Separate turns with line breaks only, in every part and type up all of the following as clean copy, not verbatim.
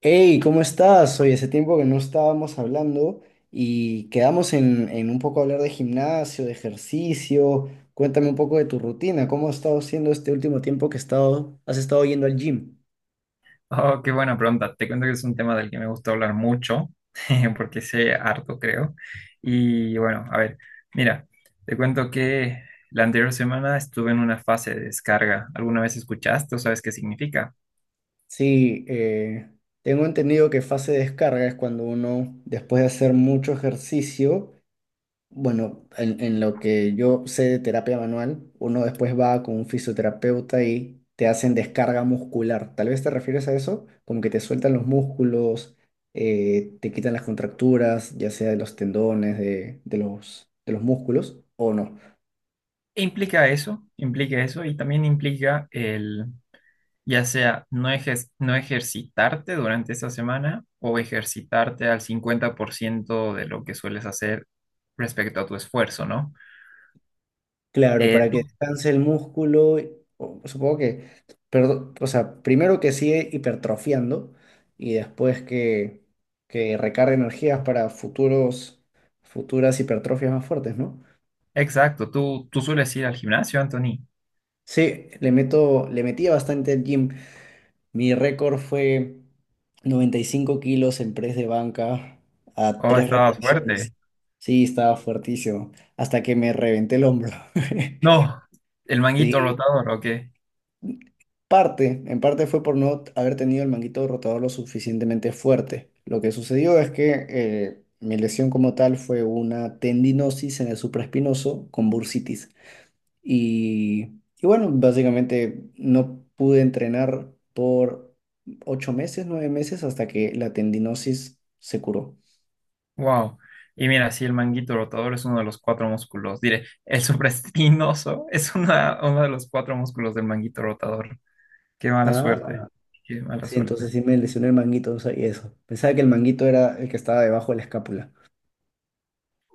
Hey, ¿cómo estás? Hoy hace tiempo que no estábamos hablando y quedamos en un poco hablar de gimnasio, de ejercicio. Cuéntame un poco de tu rutina, ¿cómo has estado siendo este último tiempo que has estado yendo al gym?
Oh, qué buena pregunta. Te cuento que es un tema del que me gusta hablar mucho, porque sé harto, creo. Y bueno, a ver, mira, te cuento que la anterior semana estuve en una fase de descarga. ¿Alguna vez escuchaste o sabes qué significa?
Sí, tengo entendido que fase de descarga es cuando uno, después de hacer mucho ejercicio, bueno, en lo que yo sé de terapia manual, uno después va con un fisioterapeuta y te hacen descarga muscular. Tal vez te refieres a eso, como que te sueltan los músculos, te quitan las contracturas, ya sea de los tendones, de los músculos, o no.
Implica eso y también implica el, ya sea no ejercitarte durante esa semana o ejercitarte al 50% de lo que sueles hacer respecto a tu esfuerzo, ¿no?
Claro,
Eh,
para que descanse el músculo, supongo que, o sea, primero que sigue hipertrofiando y después que recargue energías para futuras hipertrofias más fuertes, ¿no?
Exacto, tú sueles ir al gimnasio, Anthony.
Sí, le metía bastante al gym. Mi récord fue 95 kilos en press de banca a
Oh,
tres
estabas
repeticiones.
fuerte.
Sí, estaba fuertísimo, hasta que me reventé el hombro.
No, el manguito
Sí.
rotador, ok.
Parte, en parte fue por no haber tenido el manguito rotador lo suficientemente fuerte. Lo que sucedió es que mi lesión como tal fue una tendinosis en el supraespinoso con bursitis. Y bueno, básicamente no pude entrenar por 9 meses hasta que la tendinosis se curó.
Wow. Y mira, sí, el manguito rotador es uno de los cuatro músculos. Diré, el supraespinoso es una, uno de los cuatro músculos del manguito rotador. Qué mala suerte.
Ah.
Qué mala
Sí, entonces
suerte.
sí me lesioné el manguito, no sabía eso. Pensaba que el manguito era el que estaba debajo de la escápula.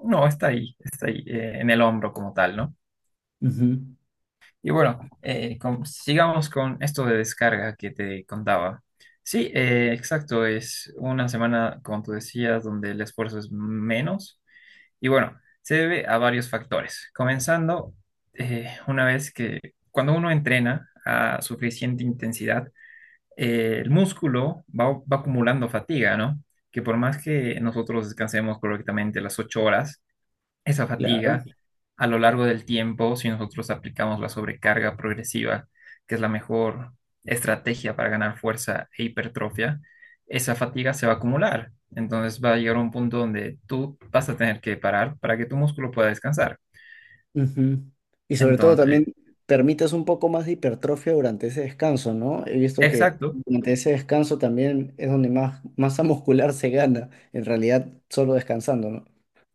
No, está ahí, en el hombro como tal, ¿no?
Ujú.
Y bueno, sigamos con esto de descarga que te contaba. Sí, exacto, es una semana, como tú decías, donde el esfuerzo es menos. Y bueno, se debe a varios factores. Comenzando, una vez que cuando uno entrena a suficiente intensidad, el músculo va acumulando fatiga, ¿no? Que por más que nosotros descansemos correctamente las ocho horas, esa
Claro.
fatiga, a lo largo del tiempo, si nosotros aplicamos la sobrecarga progresiva, que es la mejor estrategia para ganar fuerza e hipertrofia, esa fatiga se va a acumular. Entonces va a llegar a un punto donde tú vas a tener que parar para que tu músculo pueda descansar.
Ujú. Y sobre todo también
Entonces,
permites un poco más de hipertrofia durante ese descanso, ¿no? He visto que
exacto.
durante ese descanso también es donde más masa muscular se gana, en realidad solo descansando, ¿no?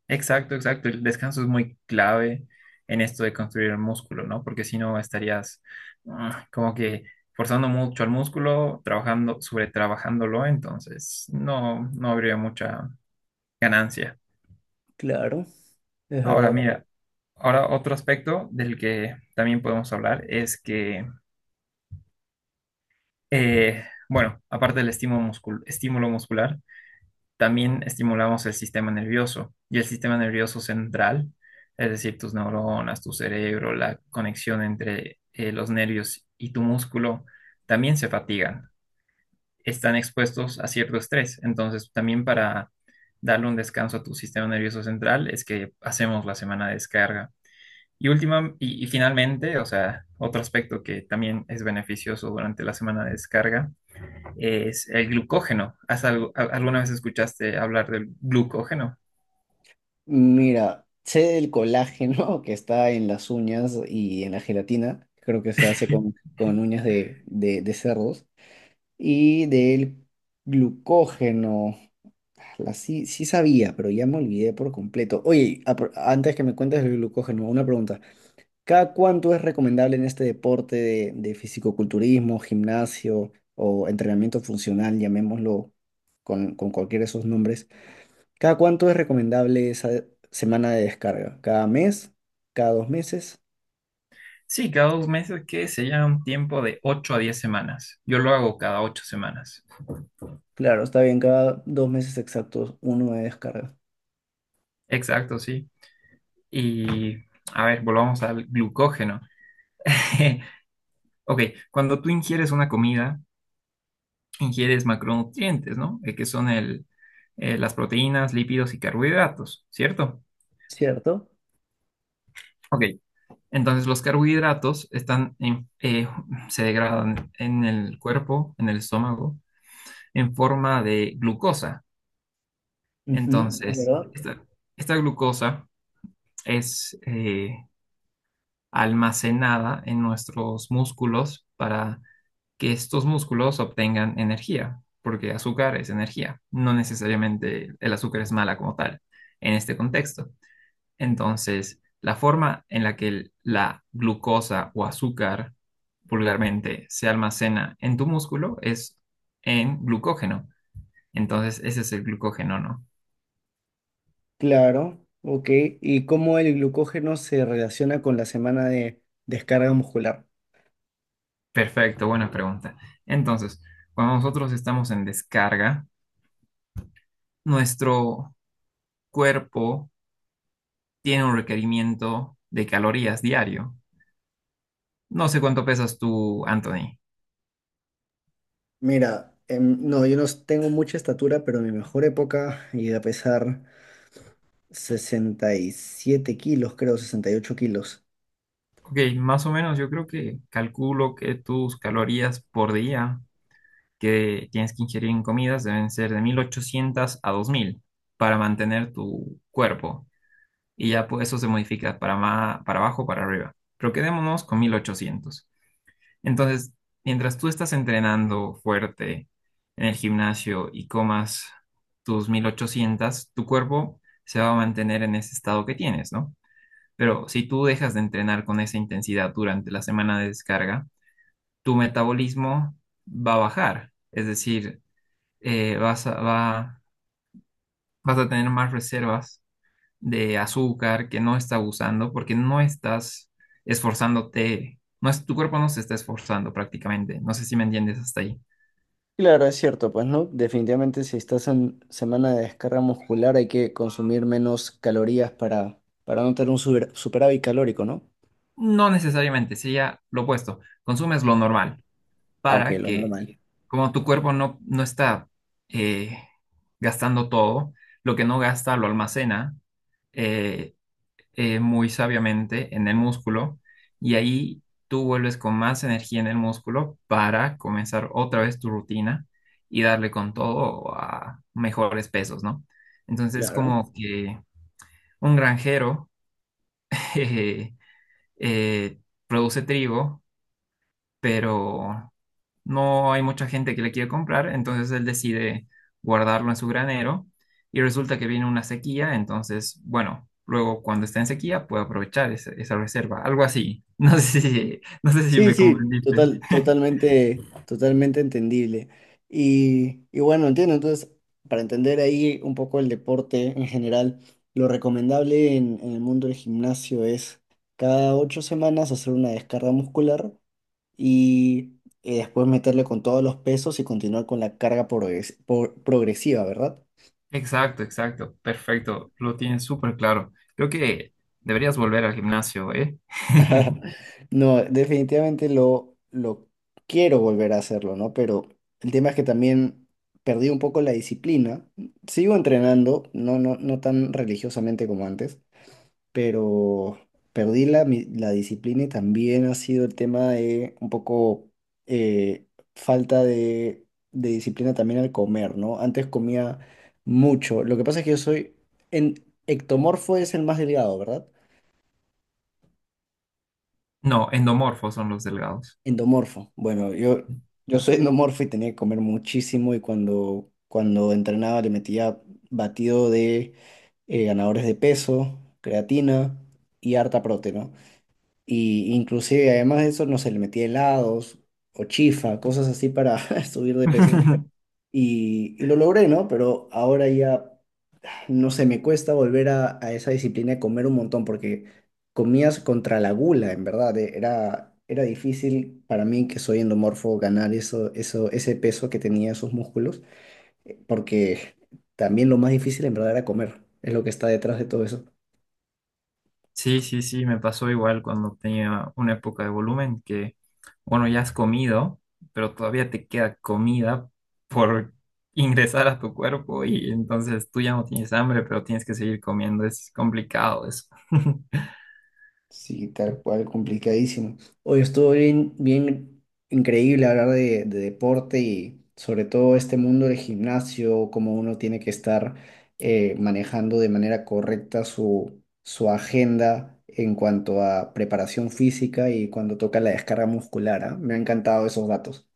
Exacto, exacto. El descanso es muy clave en esto de construir el músculo, ¿no? Porque si no estarías ah, como que forzando mucho al músculo, trabajando, sobretrabajándolo, entonces no, no habría mucha ganancia.
Claro, es
Ahora,
verdad.
mira, ahora otro aspecto del que también podemos hablar es que, eh, bueno, aparte del estímulo muscular, también estimulamos el sistema nervioso y el sistema nervioso central, es decir, tus neuronas, tu cerebro, la conexión entre los nervios y tu músculo, también se fatigan, están expuestos a cierto estrés. Entonces, también para darle un descanso a tu sistema nervioso central es que hacemos la semana de descarga. Y última, y finalmente, o sea, otro aspecto que también es beneficioso durante la semana de descarga es el glucógeno. ¿ Alguna vez escuchaste hablar del glucógeno?
Mira, sé del colágeno que está en las uñas y en la gelatina, creo que se hace con uñas de cerdos. Y del glucógeno. La sí, sí sabía, pero ya me olvidé por completo. Oye, antes que me cuentes del glucógeno, una pregunta. ¿Cada cuánto es recomendable en este deporte de fisicoculturismo, gimnasio o entrenamiento funcional, llamémoslo con cualquiera de esos nombres? ¿Cada cuánto es recomendable esa semana de descarga? ¿Cada mes? ¿Cada dos meses?
Sí, cada dos meses que se llama un tiempo de ocho a 10 semanas. Yo lo hago cada 8 semanas.
Claro, está bien, cada dos meses exactos uno de descarga,
Exacto, sí. Y a ver, volvamos al glucógeno. Ok, cuando tú ingieres una comida, ingieres macronutrientes, ¿no? Que son las proteínas, lípidos y carbohidratos, ¿cierto?
¿cierto?
Ok, entonces los carbohidratos se degradan en el cuerpo, en el estómago, en forma de glucosa.
Ujú, es
Entonces,
verdad.
esta glucosa es almacenada en nuestros músculos para que estos músculos obtengan energía, porque azúcar es energía. No necesariamente el azúcar es mala como tal en este contexto. Entonces, la forma en la que la glucosa o azúcar vulgarmente se almacena en tu músculo es en glucógeno. Entonces, ese es el glucógeno, ¿no?
Claro, ok. ¿Y cómo el glucógeno se relaciona con la semana de descarga muscular?
Perfecto, buena pregunta. Entonces, cuando nosotros estamos en descarga, nuestro cuerpo tiene un requerimiento de calorías diario. No sé cuánto pesas tú, Anthony.
Mira, no, yo no s- tengo mucha estatura, pero mi mejor época llegué a pesar 67 kilos, creo, 68 kilos.
Ok, más o menos yo creo que calculo que tus calorías por día que tienes que ingerir en comidas deben ser de 1800 a 2000 para mantener tu cuerpo. Y ya pues, eso se modifica para, para abajo, para arriba. Pero quedémonos con 1800. Entonces, mientras tú estás entrenando fuerte en el gimnasio y comas tus 1800, tu cuerpo se va a mantener en ese estado que tienes, ¿no? Pero si tú dejas de entrenar con esa intensidad durante la semana de descarga, tu metabolismo va a bajar. Es decir, eh, vas a, va- vas a tener más reservas de azúcar que no está usando porque no estás esforzándote, no es, tu cuerpo no se está esforzando prácticamente. No sé si me entiendes hasta ahí.
Claro, es cierto, pues no, definitivamente si estás en semana de descarga muscular hay que consumir menos calorías para no tener un superávit calórico, ¿no?
No necesariamente, sería lo opuesto. Consumes lo normal
Ah, ok,
para
lo
que,
normal.
como tu cuerpo no está eh, gastando todo, lo que no gasta lo almacena eh, muy sabiamente en el músculo y ahí tú vuelves con más energía en el músculo para comenzar otra vez tu rutina y darle con todo a mejores pesos, ¿no? Entonces,
Claro.
como que un granjero eh, eh, produce trigo, pero no hay mucha gente que le quiere comprar, entonces él decide guardarlo en su granero y resulta que viene una sequía, entonces, bueno, luego cuando está en sequía puede aprovechar esa, esa reserva, algo así. No sé si, no sé si
Sí,
me
sí,
comprendiste.
totalmente, totalmente entendible. Y bueno, entiendo, entonces, para entender ahí un poco el deporte en general, lo recomendable en el mundo del gimnasio es cada 8 semanas hacer una descarga muscular y después meterle con todos los pesos y continuar con la carga progresiva, ¿verdad?
Exacto, exacto, perfecto, lo tienes súper claro. Creo que deberías volver al gimnasio, ¿eh?
No, definitivamente lo quiero volver a hacerlo, ¿no? Pero el tema es que también perdí un poco la disciplina. Sigo entrenando, no tan religiosamente como antes, pero perdí la disciplina y también ha sido el tema de un poco eh, falta de disciplina también al comer, ¿no? Antes comía mucho. Lo que pasa es que yo soy, en ectomorfo es el más delgado, ¿verdad?
No, endomorfos son los delgados.
Endomorfo. Bueno, yo soy endomorfo y tenía que comer muchísimo y cuando entrenaba le metía batido de ganadores de peso, creatina y harta proteína, ¿no? Y inclusive además de eso, no sé, le metía helados o chifa, cosas así para subir de peso. Y lo logré, ¿no? Pero ahora ya no sé, me cuesta volver a esa disciplina de comer un montón porque comías contra la gula, en verdad. Era, era difícil para mí, que soy endomorfo, ganar ese peso que tenía esos músculos, porque también lo más difícil en verdad era comer, es lo que está detrás de todo eso.
Sí, sí, sí, me pasó igual cuando tenía una época de volumen que, bueno, ya has comido, pero todavía te queda comida por ingresar a tu cuerpo y entonces tú ya no tienes hambre, pero tienes que seguir comiendo. Es complicado eso.
Sí, tal cual, complicadísimo. Hoy estuvo bien, bien increíble hablar de deporte y sobre todo este mundo del gimnasio, cómo uno tiene que estar manejando de manera correcta su, su agenda en cuanto a preparación física y cuando toca la descarga muscular, ¿ah? Me han encantado esos datos.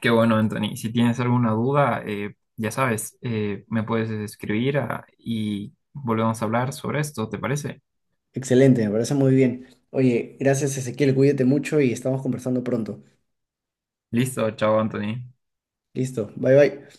Qué bueno, Anthony. Si tienes alguna duda, ya sabes, me puedes escribir y volvemos a hablar sobre esto, ¿te parece?
Excelente, me parece muy bien. Oye, gracias, Ezequiel, cuídate mucho y estamos conversando pronto.
Listo, chao, Anthony.
Listo, bye bye.